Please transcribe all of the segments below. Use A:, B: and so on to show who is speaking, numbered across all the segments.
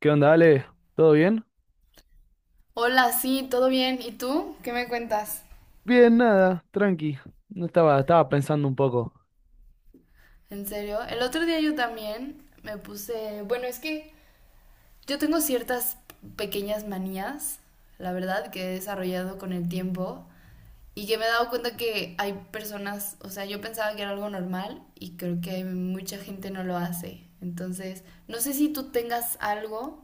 A: ¿Qué onda, Ale? ¿Todo bien?
B: Hola, sí, todo bien. ¿Y tú? ¿Qué me cuentas?
A: Bien, nada, tranqui. No estaba, estaba pensando un poco.
B: ¿En serio? El otro día yo también me puse... Bueno, es que yo tengo ciertas pequeñas manías, la verdad, que he desarrollado con el tiempo y que me he dado cuenta que hay personas, o sea, yo pensaba que era algo normal y creo que hay mucha gente no lo hace. Entonces, no sé si tú tengas algo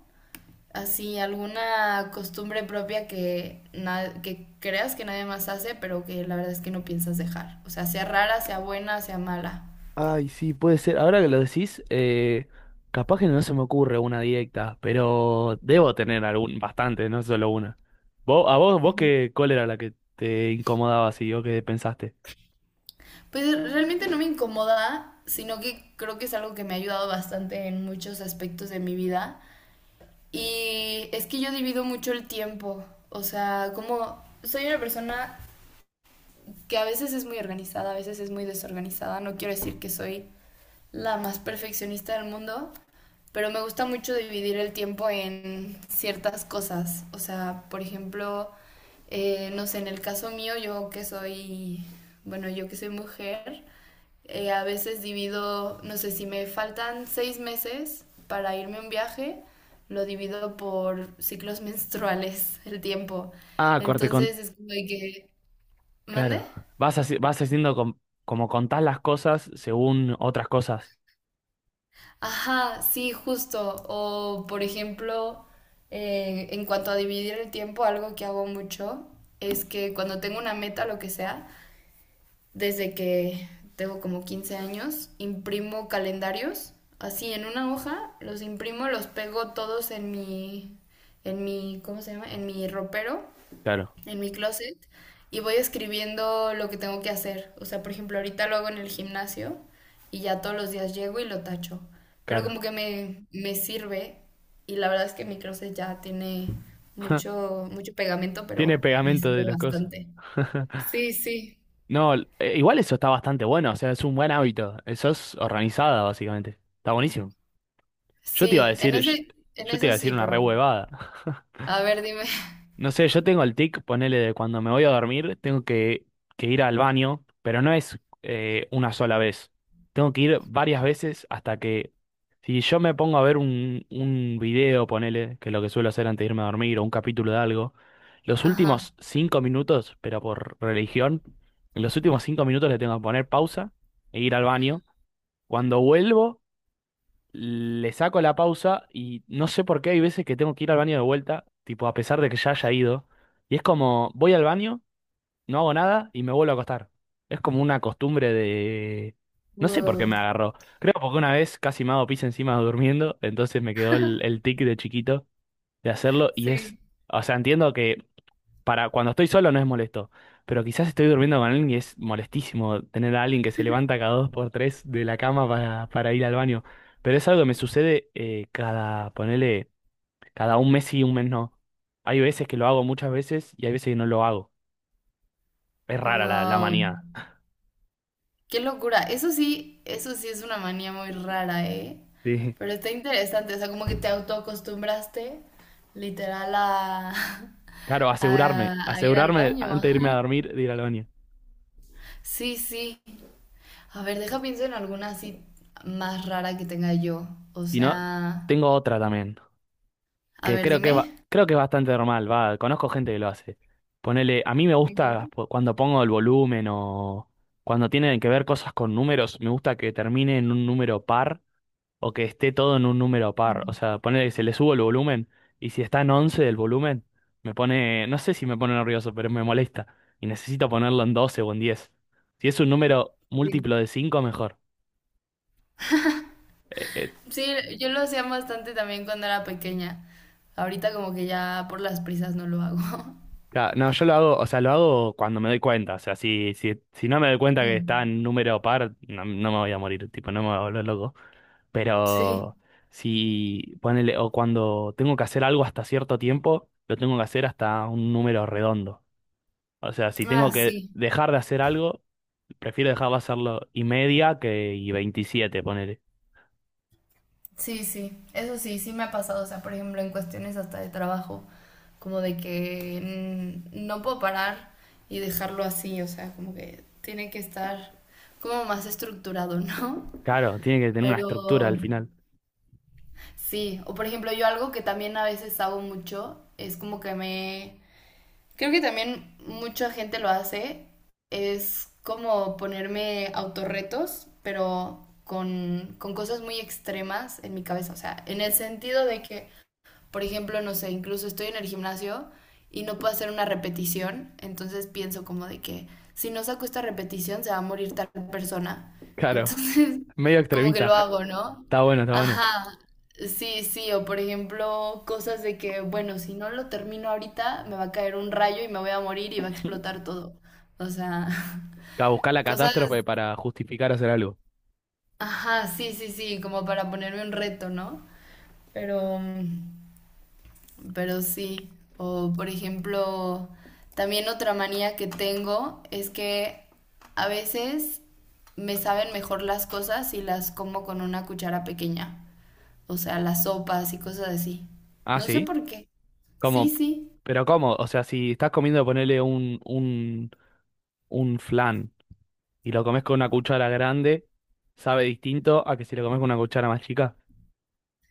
B: así alguna costumbre propia que, que creas que nadie más hace, pero que la verdad es que no piensas dejar. O sea, sea rara, sea buena, sea mala.
A: Ay, sí, puede ser. Ahora que lo decís, capaz que no se me ocurre una directa, pero debo tener algún, bastante, no solo una. ¿Vos, a vos, vos
B: Ujú.
A: qué, cuál era la que te incomodaba así o qué pensaste?
B: Pues realmente no me incomoda, sino que creo que es algo que me ha ayudado bastante en muchos aspectos de mi vida. Y es que yo divido mucho el tiempo. O sea, como soy una persona que a veces es muy organizada, a veces es muy desorganizada. No quiero decir que soy la más perfeccionista del mundo, pero me gusta mucho dividir el tiempo en ciertas cosas. O sea, por ejemplo, no sé, en el caso mío, yo que soy, bueno, yo que soy mujer, a veces divido, no sé, si me faltan 6 meses para irme a un viaje, lo divido por ciclos menstruales el tiempo.
A: Ah, corte con...
B: Entonces es como de que, ¿mande?
A: Claro. Vas haci- vas haciendo com- como contás las cosas según otras cosas.
B: Ajá, sí, justo. O, por ejemplo, en cuanto a dividir el tiempo, algo que hago mucho es que cuando tengo una meta, lo que sea, desde que tengo como 15 años, imprimo calendarios, así en una hoja, los imprimo, los pego todos en mi, ¿cómo se llama? En mi ropero,
A: Claro,
B: en mi closet y voy escribiendo lo que tengo que hacer. O sea, por ejemplo, ahorita lo hago en el gimnasio y ya todos los días llego y lo tacho. Pero
A: claro.
B: como que me sirve y la verdad es que mi closet ya tiene mucho, mucho pegamento,
A: Tiene
B: pero me
A: pegamento
B: sirve
A: de las cosas.
B: bastante. Sí, sí.
A: No, igual eso está bastante bueno, o sea, es un buen hábito. Eso es organizada, básicamente. Está buenísimo. Yo te iba a
B: Sí,
A: decir,
B: en
A: yo,
B: ese, en
A: yo te iba
B: eso
A: a decir
B: sí,
A: una re
B: pero...
A: huevada.
B: A ver, dime.
A: No sé, yo tengo el tic, ponele de cuando me voy a dormir, tengo que ir al baño, pero no es una sola vez. Tengo que ir varias veces hasta que, si yo me pongo a ver un video, ponele, que es lo que suelo hacer antes de irme a dormir, o un capítulo de algo, los
B: Ajá.
A: últimos 5 minutos, pero por religión, en los últimos 5 minutos le tengo que poner pausa e ir al baño. Cuando vuelvo, le saco la pausa y no sé por qué hay veces que tengo que ir al baño de vuelta, tipo a pesar de que ya haya ido. Y es como, voy al baño, no hago nada y me vuelvo a acostar. Es como una costumbre de... No sé por qué
B: Wow.
A: me agarró. Creo porque una vez casi me hago pis encima durmiendo, entonces me quedó el tic de chiquito de hacerlo y es...
B: Sí.
A: O sea, entiendo que para cuando estoy solo no es molesto, pero quizás estoy durmiendo con alguien y es molestísimo tener a alguien que se levanta cada dos por tres de la cama para ir al baño. Pero es algo que me sucede cada, ponele, cada un mes sí, un mes no. Hay veces que lo hago muchas veces y hay veces que no lo hago. Es rara la
B: Wow.
A: manía.
B: Qué locura. Eso sí es una manía muy rara, ¿eh?
A: Sí.
B: Pero está interesante, o sea, como que te autoacostumbraste literal a,
A: Claro, asegurarme,
B: a ir al
A: asegurarme
B: baño,
A: antes de irme a
B: ajá.
A: dormir de ir al baño.
B: Sí, sí. A ver, deja pienso en alguna así más rara que tenga yo. O
A: Si no,
B: sea,
A: tengo otra también,
B: a
A: que
B: ver,
A: creo que va-
B: dime.
A: creo que es bastante normal, va, conozco gente que lo hace. Ponele, a mí me
B: Ok.
A: gusta cuando pongo el volumen o cuando tienen que ver cosas con números, me gusta que termine en un número par o que esté todo en un número par, o
B: Mm.
A: sea, ponele que se le subo el volumen y si está en 11 del volumen, me pone, no sé si me pone nervioso, pero me molesta y necesito ponerlo en 12 o en 10. Si es un número
B: Sí.
A: múltiplo de 5 mejor. Eh, eh,
B: Sí, yo lo hacía bastante también cuando era pequeña. Ahorita como que ya por las prisas no lo hago.
A: Claro, no, yo lo hago, o sea, lo hago cuando me doy cuenta. O sea, si no me doy cuenta que está
B: Mm.
A: en número par, no, no me voy a morir, tipo, no me voy a volver loco.
B: Sí.
A: Pero si ponele, o cuando tengo que hacer algo hasta cierto tiempo, lo tengo que hacer hasta un número redondo. O sea, si tengo
B: Ah,
A: que
B: sí.
A: dejar de hacer algo, prefiero dejar de hacerlo y media que y 27 ponele.
B: Sí, sí, eso sí, sí me ha pasado, o sea, por ejemplo, en cuestiones hasta de trabajo, como de que no puedo parar y dejarlo así, o sea, como que tiene que estar como más estructurado, ¿no?
A: Claro, tiene que tener una estructura
B: Pero
A: al final.
B: sí, o por ejemplo, yo algo que también a veces hago mucho, es como que me... Creo que también mucha gente lo hace, es como ponerme autorretos, pero con cosas muy extremas en mi cabeza, o sea, en el sentido de que por ejemplo, no sé, incluso estoy en el gimnasio y no puedo hacer una repetición, entonces pienso como de que si no saco esta repetición se va a morir tal persona.
A: Claro,
B: Entonces,
A: medio
B: como que
A: extremista.
B: lo hago, ¿no?
A: Está bueno, está bueno.
B: Ajá, sí, sí, o por ejemplo, cosas de que, bueno, si no lo termino ahorita, me va a caer un rayo y me voy a morir y va a explotar todo. O sea,
A: Buscar la
B: cosas,
A: catástrofe para justificar hacer algo.
B: ajá, sí, sí, sí, como para ponerme un reto, ¿no? Pero pero sí, o por ejemplo, también otra manía que tengo es que a veces me saben mejor las cosas si las como con una cuchara pequeña, o sea, las sopas y cosas así.
A: Ah,
B: No sé
A: sí.
B: por qué. Sí,
A: ¿Cómo?
B: sí.
A: Pero ¿cómo? O sea, si estás comiendo, ponerle un flan y lo comes con una cuchara grande, sabe distinto a que si lo comes con una cuchara más chica.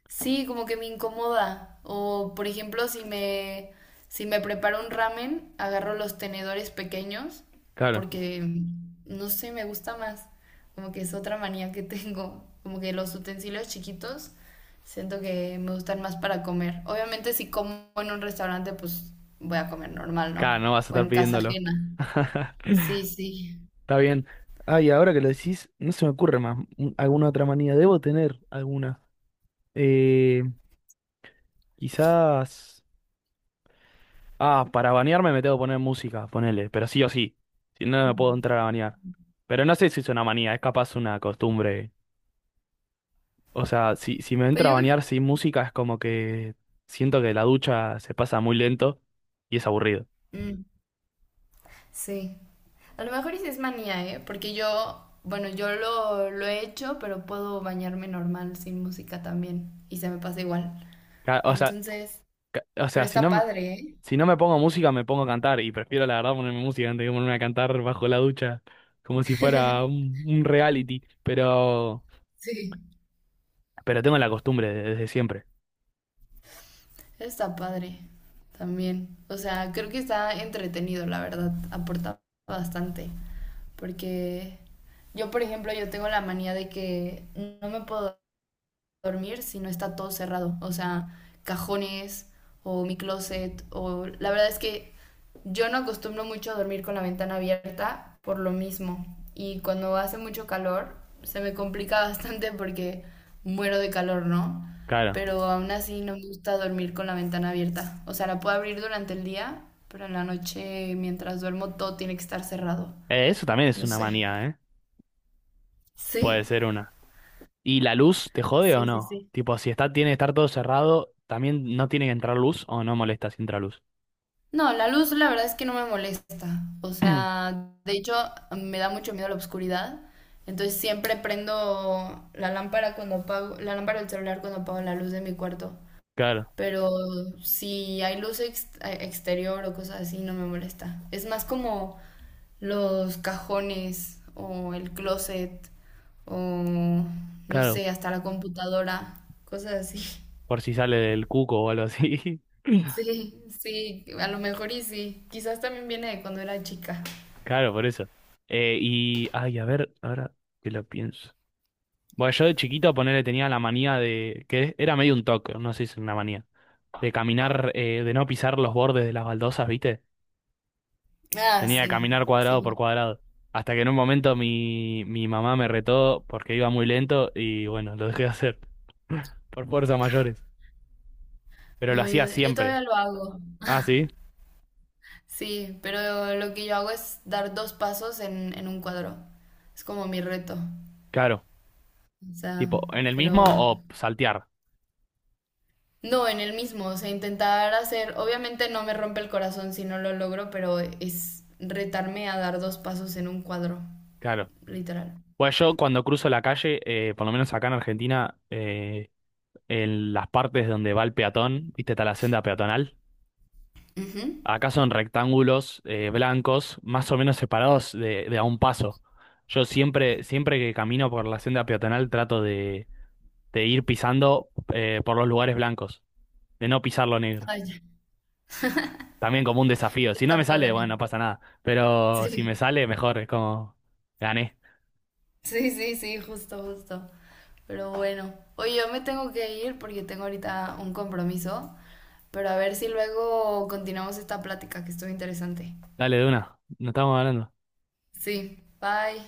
B: Sí, como que me incomoda. O, por ejemplo, si me preparo un ramen, agarro los tenedores pequeños
A: Claro,
B: porque, no sé, me gusta más. Como que es otra manía que tengo. Como que los utensilios chiquitos siento que me gustan más para comer. Obviamente, si como en un restaurante, pues voy a comer normal, ¿no?
A: claro, no vas a
B: O
A: estar
B: en casa
A: pidiéndolo.
B: ajena. Sí, sí.
A: Está bien. Ay, ahora que lo decís, no se me ocurre más. ¿Alguna otra manía? Debo tener alguna. Eh, Quizás. Ah, para bañarme me tengo que poner música, ponele, pero sí o sí. Si no, no puedo entrar a bañar. Pero no sé si es una manía, es capaz una costumbre. O sea, si, si me
B: Pues
A: entra a
B: yo creo...
A: bañar sin música es como que siento que la ducha se pasa muy lento y es aburrido.
B: Mm, sí. A lo mejor sí es manía, ¿eh? Porque yo, bueno, lo he hecho, pero puedo bañarme normal sin música también. Y se me pasa igual.
A: Ca- O sea,
B: Entonces,
A: ca- o
B: pero
A: sea, si no,
B: está
A: me-
B: padre, ¿eh?
A: si no me pongo música me pongo a cantar y prefiero la verdad ponerme música antes que ponerme a cantar bajo la ducha como si fuera un reality.
B: Sí.
A: Pero tengo la costumbre desde siempre.
B: Está padre también. O sea, creo que está entretenido, la verdad. Aporta bastante. Porque yo, por ejemplo, yo tengo la manía de que no me puedo dormir si no está todo cerrado. O sea, cajones o mi closet o la verdad es que yo no acostumbro mucho a dormir con la ventana abierta por lo mismo. Y cuando hace mucho calor se me complica bastante porque muero de calor, ¿no?
A: Claro.
B: Pero aún así no me gusta dormir con la ventana abierta. O sea, la puedo abrir durante el día, pero en la noche mientras duermo todo tiene que estar cerrado.
A: Eso también es
B: No
A: una
B: sé.
A: manía, ¿eh?
B: Sí,
A: Puede ser una. ¿Y la luz te jode o
B: sí, sí,
A: no?
B: sí.
A: Tipo, si está, tiene que estar todo cerrado, ¿también no tiene que entrar luz o no molesta si entra luz?
B: No, la luz la verdad es que no me molesta. O sea, de hecho me da mucho miedo la oscuridad. Entonces siempre prendo la lámpara cuando apago, la lámpara del celular cuando apago la luz de mi cuarto.
A: Claro.
B: Pero si hay luz exterior o cosas así, no me molesta. Es más como los cajones o el closet o no
A: Claro,
B: sé, hasta la computadora, cosas así.
A: por si sale del cuco o algo así.
B: Sí, sí, a lo mejor y sí. Quizás también viene de cuando era chica.
A: Claro, por eso. Y, ay, a ver, ahora que lo pienso. Bueno, yo de chiquito, ponerle tenía la manía de, que era medio un toque, no sé si es una manía, de caminar, de no pisar los bordes de las baldosas, ¿viste?
B: Ah,
A: Tenía que
B: sí,
A: caminar cuadrado por
B: sí.
A: cuadrado. Hasta que en un momento mi mamá me retó porque iba muy lento y bueno, lo dejé de hacer. Por fuerzas mayores. Pero lo
B: No,
A: hacía
B: yo
A: siempre.
B: todavía lo hago.
A: Ah, sí,
B: Sí, pero lo que yo hago es dar 2 pasos en un cuadro. Es como mi reto.
A: claro.
B: O sea,
A: Tipo, en el
B: pero
A: mismo o saltear.
B: no en el mismo. O sea, intentar hacer, obviamente no me rompe el corazón si no lo logro, pero es retarme a dar 2 pasos en un cuadro,
A: Claro.
B: literal.
A: Bueno, yo cuando cruzo la calle, por lo menos acá en Argentina, en las partes donde va el peatón, viste, está la senda peatonal,
B: Ujú.
A: acá son rectángulos blancos, más o menos separados de a un paso. Yo siempre, siempre que camino por la senda peatonal trato de ir pisando por los lugares blancos, de no pisar lo negro.
B: Ay, ya,
A: También como un desafío. Si no me
B: está
A: sale, bueno,
B: padre.
A: no pasa nada. Pero si me
B: Sí,
A: sale, mejor, es como gané.
B: sí, sí, sí, justo, justo. Pero bueno, oye, yo me tengo que ir porque tengo ahorita un compromiso. Pero a ver si luego continuamos esta plática que estuvo interesante.
A: Dale de una, no estamos hablando.
B: Sí, bye.